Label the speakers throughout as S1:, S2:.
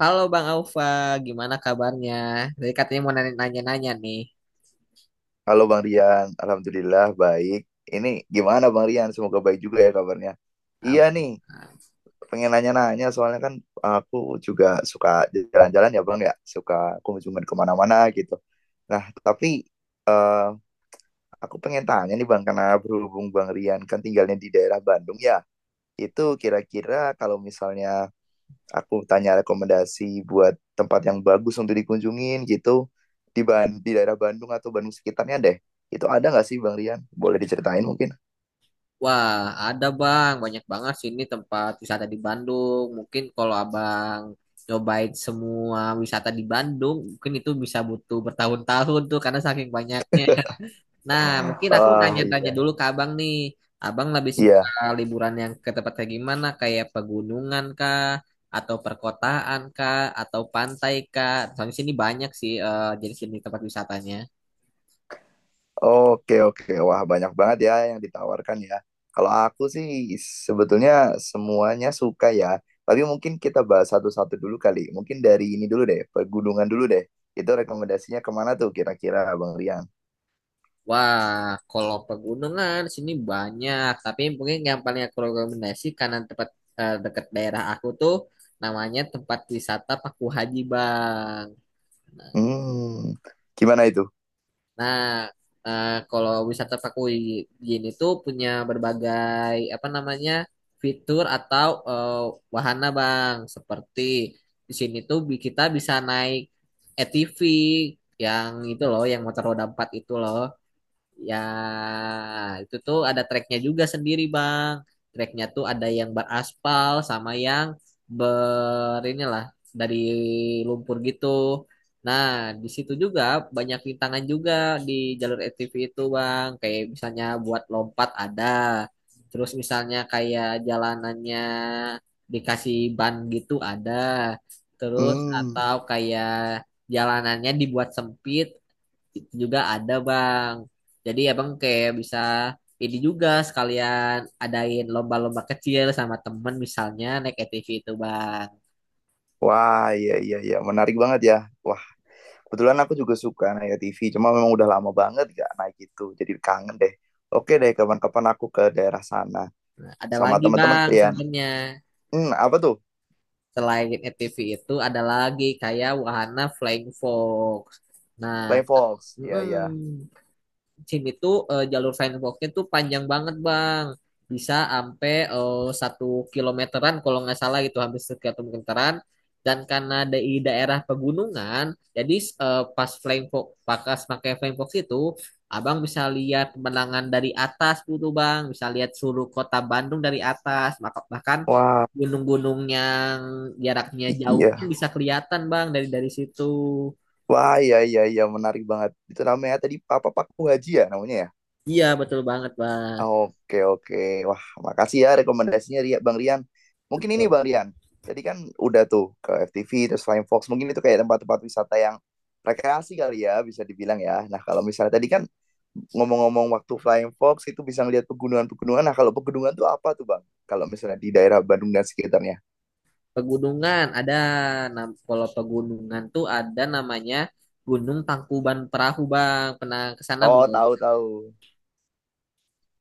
S1: Halo Bang Aufa, gimana kabarnya? Tadi katanya mau nanya-nanya nih.
S2: Halo Bang Rian, Alhamdulillah baik. Ini gimana Bang Rian? Semoga baik juga ya kabarnya. Iya
S1: Am-
S2: nih,
S1: am.
S2: pengen nanya-nanya soalnya kan aku juga suka jalan-jalan ya Bang ya, suka kunjungan kemana-mana gitu. Nah, tapi eh, aku pengen tanya nih Bang, karena berhubung Bang Rian kan tinggalnya di daerah Bandung ya, itu kira-kira kalau misalnya aku tanya rekomendasi buat tempat yang bagus untuk dikunjungin gitu di di daerah Bandung atau Bandung sekitarnya deh. Itu ada nggak sih Bang Rian? Boleh diceritain mungkin?
S1: Wah, ada Bang, banyak banget sih ini tempat wisata di Bandung. Mungkin kalau Abang nyobain semua wisata di Bandung, mungkin itu bisa butuh bertahun-tahun tuh karena saking banyaknya. Nah, mungkin aku
S2: Ah
S1: nanya-nanya
S2: iya
S1: dulu ke abang nih. Abang lebih suka
S2: iya.
S1: liburan yang ke tempat kayak gimana? Kayak pegunungan kah? Atau perkotaan kah? Atau pantai kah? Soalnya sini banyak sih, jadi sini tempat wisatanya.
S2: Oke oke. Wah banyak banget ya yang ditawarkan ya. Kalau aku sih sebetulnya semuanya suka ya. Tapi mungkin kita bahas satu-satu dulu kali. Mungkin dari ini dulu deh, pegunungan dulu deh. Itu rekomendasinya kemana tuh kira-kira Bang Rian?
S1: Wah, kalau pegunungan sini banyak. Tapi mungkin yang paling aku rekomendasi karena tempat, dekat daerah aku tuh, namanya tempat wisata Paku Haji, Bang.
S2: Hmm, gimana itu?
S1: Nah, kalau wisata Pakuyin itu punya berbagai apa namanya, fitur atau wahana Bang. Seperti di sini tuh kita bisa naik ATV, yang itu loh, yang motor roda empat itu loh. Ya, itu tuh ada treknya juga sendiri, Bang. Treknya tuh ada yang beraspal sama yang inilah, dari lumpur gitu. Nah, di situ juga banyak rintangan juga di jalur ATV itu, Bang. Kayak misalnya buat lompat ada. Terus misalnya kayak jalanannya dikasih ban gitu ada. Terus
S2: Hmm.
S1: atau kayak jalanannya dibuat sempit itu juga ada bang, jadi abang kayak bisa ini juga sekalian adain lomba-lomba kecil sama temen misalnya naik ATV itu bang.
S2: Wah, iya iya iya, menarik banget ya. Wah, kebetulan aku juga suka Naya TV, cuma memang udah lama banget gak naik itu, jadi kangen deh. Oke deh, kapan-kapan aku ke daerah sana
S1: Ada
S2: sama
S1: lagi
S2: teman-teman
S1: bang
S2: kalian.
S1: sebenarnya,
S2: Hmm, apa tuh?
S1: selain ATV itu ada lagi kayak wahana flying fox. Nah,
S2: Flying Fox. Iya iya.
S1: mm SIM itu, jalur Firefoxnya tuh panjang banget Bang. Bisa sampai, satu kilometeran kalau nggak salah, itu hampir satu kilometeran. Dan karena di daerah pegunungan, jadi pas flame fox, pakai flame fox itu, abang bisa lihat pemandangan dari atas gitu bang, bisa lihat seluruh kota Bandung dari atas, bahkan
S2: Wah,
S1: gunung-gunung yang jaraknya jauh pun
S2: iya.
S1: bisa kelihatan bang, dari situ.
S2: Wah, iya iya iya, menarik banget. Itu namanya tadi apa Pak Haji ya namanya ya?
S1: Iya betul banget bang.
S2: Oke oke. Wah, makasih ya rekomendasinya Bang Rian. Mungkin ini Bang Rian. Tadi kan udah tuh ke FTV terus Flying Fox. Mungkin itu kayak tempat-tempat wisata yang rekreasi kali ya bisa dibilang ya. Nah, kalau misalnya tadi kan ngomong-ngomong waktu Flying Fox itu bisa ngelihat pegunungan-pegunungan. Nah, kalau pegunungan tuh apa tuh Bang? Kalau misalnya di daerah Bandung dan sekitarnya.
S1: Pegunungan ada Kalau pegunungan tuh ada namanya Gunung Tangkuban Perahu Bang. Pernah ke sana
S2: Oh,
S1: belum?
S2: tahu tahu.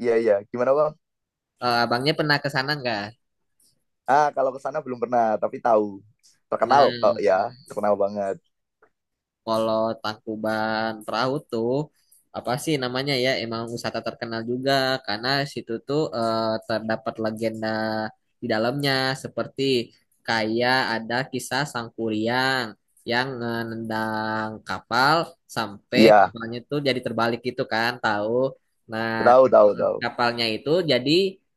S2: Iya iya. Gimana Bang?
S1: Eh, abangnya pernah ke sana nggak?
S2: Ah, kalau ke sana belum pernah, tapi tahu. Terkenal
S1: Pernah.
S2: kok ya, terkenal banget.
S1: Kalau Tangkuban Perahu tuh apa sih namanya ya? Emang wisata terkenal juga karena situ tuh, terdapat legenda di dalamnya, seperti kayak ada kisah Sang Kuryang yang menendang kapal sampai
S2: Iya,
S1: kapalnya tuh jadi terbalik gitu kan, tahu? Nah,
S2: tahu tahu tahu.
S1: kapalnya itu jadi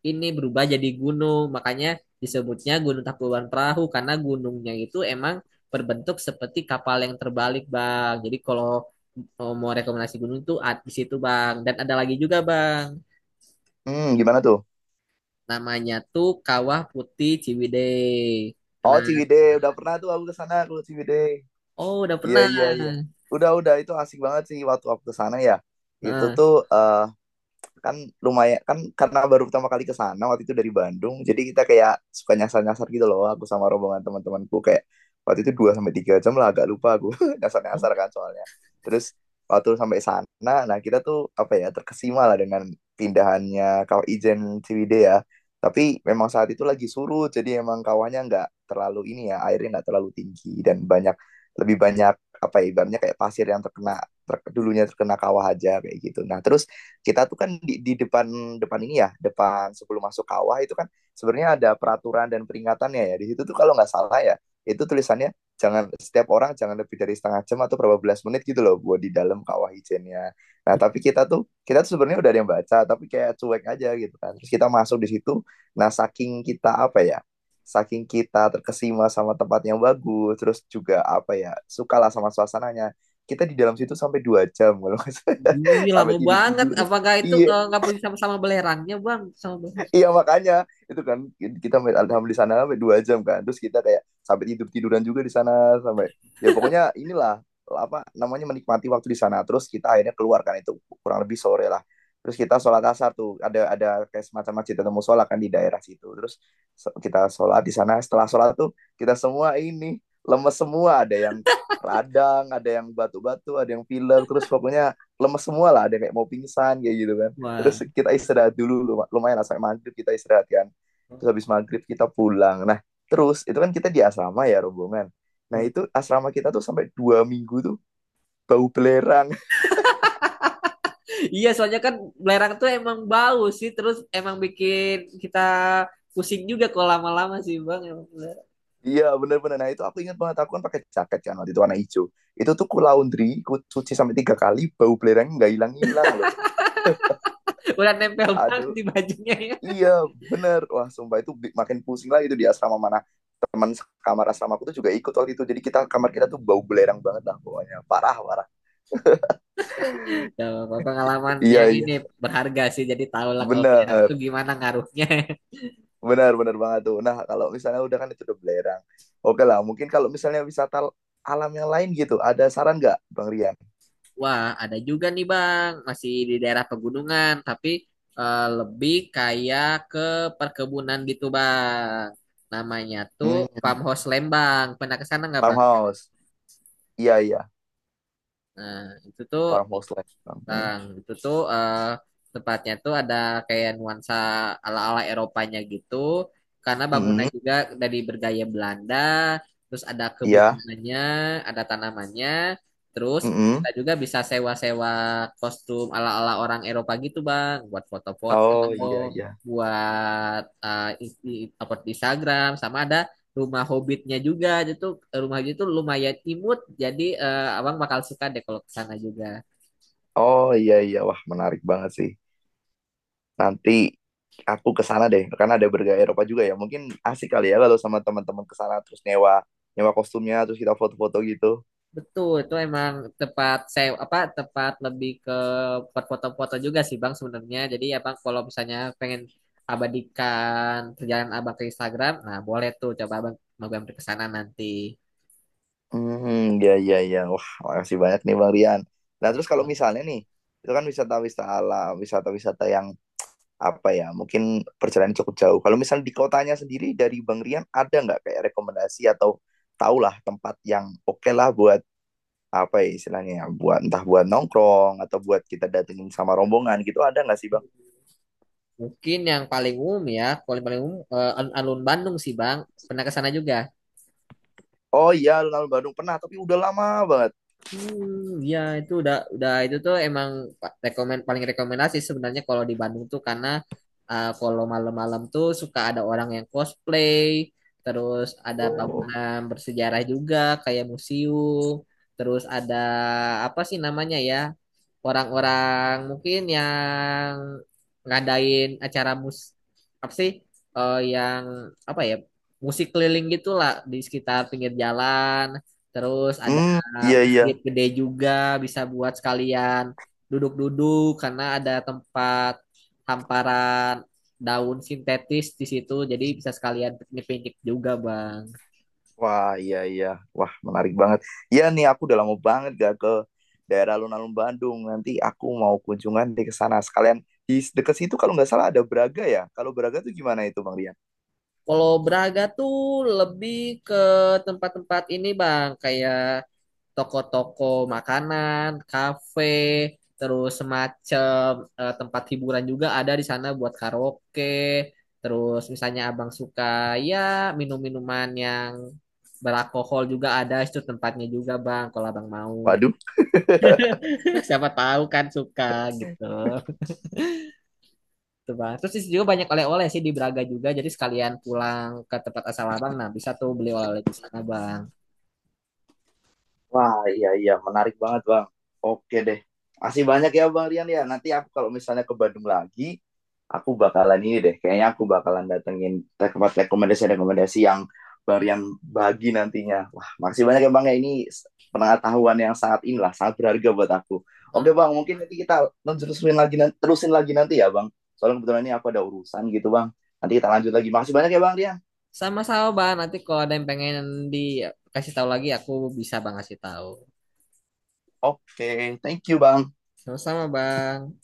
S1: ini berubah jadi gunung, makanya disebutnya Gunung Tangkuban Perahu karena gunungnya itu emang berbentuk seperti kapal yang terbalik, Bang. Jadi kalau oh, mau rekomendasi gunung tuh di situ, Bang. Dan ada lagi juga, Bang.
S2: Hmm, gimana tuh?
S1: Namanya tuh Kawah Putih Ciwidey.
S2: Oh
S1: Pernah?
S2: Ciwidey, udah pernah tuh aku ke sana aku ke Ciwidey.
S1: Oh, udah
S2: Iya
S1: pernah.
S2: iya iya. Udah itu asik banget sih waktu aku ke sana ya. Itu
S1: Nah,
S2: tuh kan lumayan kan karena baru pertama kali ke sana waktu itu dari Bandung jadi kita kayak suka nyasar-nyasar gitu loh aku sama rombongan teman-temanku kayak waktu itu 2 sampai 3 jam lah agak lupa aku nyasar-nyasar kan soalnya terus waktu sampai sana nah kita tuh apa ya terkesima lah dengan pindahannya kawah Ijen Ciwidey ya tapi memang saat itu lagi surut jadi emang kawahnya nggak terlalu ini ya airnya nggak terlalu tinggi dan banyak lebih banyak apa ya, ibaratnya kayak pasir yang terkena ter, dulunya terkena kawah aja kayak gitu. Nah, terus kita tuh kan di depan depan ini ya depan sebelum masuk kawah itu kan sebenarnya ada peraturan dan peringatannya ya di situ tuh kalau nggak salah ya itu tulisannya jangan setiap orang jangan lebih dari setengah jam atau berapa belas menit gitu loh buat di dalam kawah ijennya. Nah tapi kita tuh sebenarnya udah ada yang baca tapi kayak cuek aja gitu kan. Terus kita masuk di situ, nah saking kita terkesima sama tempat yang bagus, terus juga apa ya sukalah sama suasananya. Kita di dalam situ sampai dua jam kalau
S1: ih,
S2: sampai
S1: lama
S2: tidur
S1: banget.
S2: tidur.
S1: Apakah itu,
S2: Iya,
S1: nggak punya sama-sama belerangnya, Bang? Sama belerang.
S2: iya makanya itu kan kita main Arkham di sana sampai dua jam kan. Terus kita kayak sampai tidur tiduran juga di sana sampai ya pokoknya inilah apa namanya menikmati waktu di sana. Terus kita akhirnya keluar kan itu kurang lebih sore lah. Terus kita sholat asar tuh ada kayak semacam masjid atau musola kan di daerah situ. Terus kita sholat di sana. Setelah sholat tuh kita semua ini lemes semua. Ada yang radang, ada yang batu-batu, ada yang pilek. Terus pokoknya lemes semua lah. Ada yang kayak mau pingsan kayak gitu kan terus
S1: Wah.
S2: kita istirahat dulu lumayan lah, sampai maghrib kita istirahat kan terus habis maghrib kita pulang nah terus itu kan kita di asrama ya rombongan nah itu asrama kita tuh sampai dua minggu tuh bau belerang
S1: Iya, soalnya kan belerang tuh emang bau sih, terus emang bikin kita pusing juga kalau lama-lama sih, Bang. Emang belerang.
S2: iya bener-bener nah itu aku ingat banget aku kan pakai jaket kan waktu itu warna hijau itu tuh ku laundry ku cuci sampai tiga kali bau belerang nggak hilang-hilang loh
S1: Udah nempel banget
S2: aduh
S1: di bajunya ya.
S2: Iya bener Wah sumpah itu makin pusing lah itu di asrama mana Teman kamar asrama aku tuh juga ikut waktu itu Jadi kita tuh bau belerang banget lah pokoknya Parah parah
S1: Ya, pengalaman
S2: Iya
S1: yang
S2: iya
S1: ini berharga sih. Jadi tahulah kalau belerang
S2: Bener,
S1: tuh gimana ngaruhnya.
S2: bener, bener banget tuh. Nah, kalau misalnya udah kan itu udah belerang. Oke lah, mungkin kalau misalnya wisata alam yang lain gitu, ada saran nggak, Bang Rian?
S1: Wah, ada juga nih Bang, masih di daerah pegunungan, tapi, lebih kayak ke perkebunan gitu Bang. Namanya tuh
S2: Hmm,
S1: Farmhouse Lembang. Pernah ke sana nggak Bang?
S2: farmhouse. Iya, iya,
S1: Nah, itu tuh
S2: farmhouse lah. Hmm.
S1: Bang, tempatnya tuh ada kayak nuansa ala-ala Eropanya gitu, karena bangunan
S2: Mm-mm.
S1: juga dari bergaya Belanda, terus ada
S2: Iya.
S1: kebudananya, ada tanamannya, terus
S2: Mm-mm.
S1: kita juga bisa sewa-sewa kostum ala-ala orang Eropa gitu, Bang, buat foto-foto,
S2: Oh, iya, iya.
S1: buat upload di Instagram, sama ada rumah hobbitnya juga, itu rumah itu lumayan imut, jadi abang bakal suka deh kalau ke sana juga.
S2: Oh, iya, iya. Wah, menarik banget sih. Nanti aku ke sana deh, karena ada bergaya Eropa juga ya. Mungkin asik kali ya kalau sama teman-teman ke sana terus nyewa nyewa kostumnya terus kita foto-foto gitu.
S1: Betul, itu emang tepat saya apa tepat lebih ke buat foto-foto juga sih Bang sebenarnya. Jadi ya Bang, kalau misalnya pengen abadikan perjalanan Abang ke Instagram, nah boleh tuh coba Abang mampir ke sana nanti.
S2: Hmm, ya, ya, ya. Wah, makasih banyak nih Bang Rian. Nah, terus kalau misalnya nih, itu kan wisata-wisata alam, wisata-wisata yang apa ya, mungkin perjalanan cukup jauh. Kalau misalnya di kotanya sendiri dari Bang Rian, ada nggak kayak rekomendasi atau tahulah tempat yang oke lah buat apa ya istilahnya, ya, buat entah buat nongkrong atau buat kita datengin sama rombongan gitu, ada nggak sih Bang?
S1: Mungkin yang paling umum ya, paling paling umum, alun-alun Bandung sih Bang. Pernah ke sana juga?
S2: Oh iya, alun-alun Bandung pernah, tapi udah lama banget.
S1: Ya itu udah, itu tuh emang pa- rekomen paling rekomendasi sebenarnya kalau di Bandung tuh, karena kalau malam-malam tuh suka ada orang yang cosplay, terus ada
S2: Oh.
S1: bangunan bersejarah juga kayak museum, terus ada apa sih namanya ya? Orang-orang mungkin yang ngadain acara apa sih, yang apa ya, musik keliling gitulah di sekitar pinggir jalan. Terus ada
S2: Hmm, iya,
S1: masjid
S2: iya.
S1: gede juga, bisa buat sekalian duduk-duduk karena ada tempat hamparan daun sintetis di situ, jadi bisa sekalian piknik-piknik juga bang.
S2: Wah, iya iya. Wah, menarik banget. Iya nih aku udah lama banget gak ke daerah alun-alun Bandung. Nanti aku mau kunjungan ke sana sekalian. Di dekat situ kalau nggak salah ada Braga ya. Kalau Braga tuh gimana itu Bang Rian?
S1: Kalau Braga tuh lebih ke tempat-tempat ini bang, kayak toko-toko makanan, kafe, terus semacam, tempat hiburan juga ada di sana buat karaoke. Terus misalnya abang suka ya, minum-minuman yang beralkohol juga ada itu tempatnya juga bang kalau abang mau,
S2: Waduh.
S1: siapa tahu kan suka gitu. Tuh, bang, terus di situ juga banyak oleh-oleh sih di Braga juga, jadi sekalian pulang ke tempat asal abang, nah bisa tuh beli oleh-oleh di sana bang.
S2: Wah, iya iya, menarik banget Bang. Oke deh. Masih banyak ya Bang Rian ya. Nanti aku kalau misalnya ke Bandung lagi, aku bakalan ini deh kayaknya aku bakalan datengin tempat rekomendasi-rekomendasi yang baru yang bagi nantinya wah makasih banyak ya bang ya ini pengetahuan yang sangat inilah sangat berharga buat aku oke
S1: Ah.
S2: bang mungkin nanti kita terusin lagi terusin lagi nanti ya bang soalnya kebetulan ini aku ada urusan gitu bang nanti kita lanjut lagi makasih banyak ya bang Rian
S1: Sama-sama, Bang. Nanti kalau ada yang pengen dikasih tahu lagi, aku bisa Bang kasih tahu.
S2: oke thank you bang
S1: Sama-sama, Bang.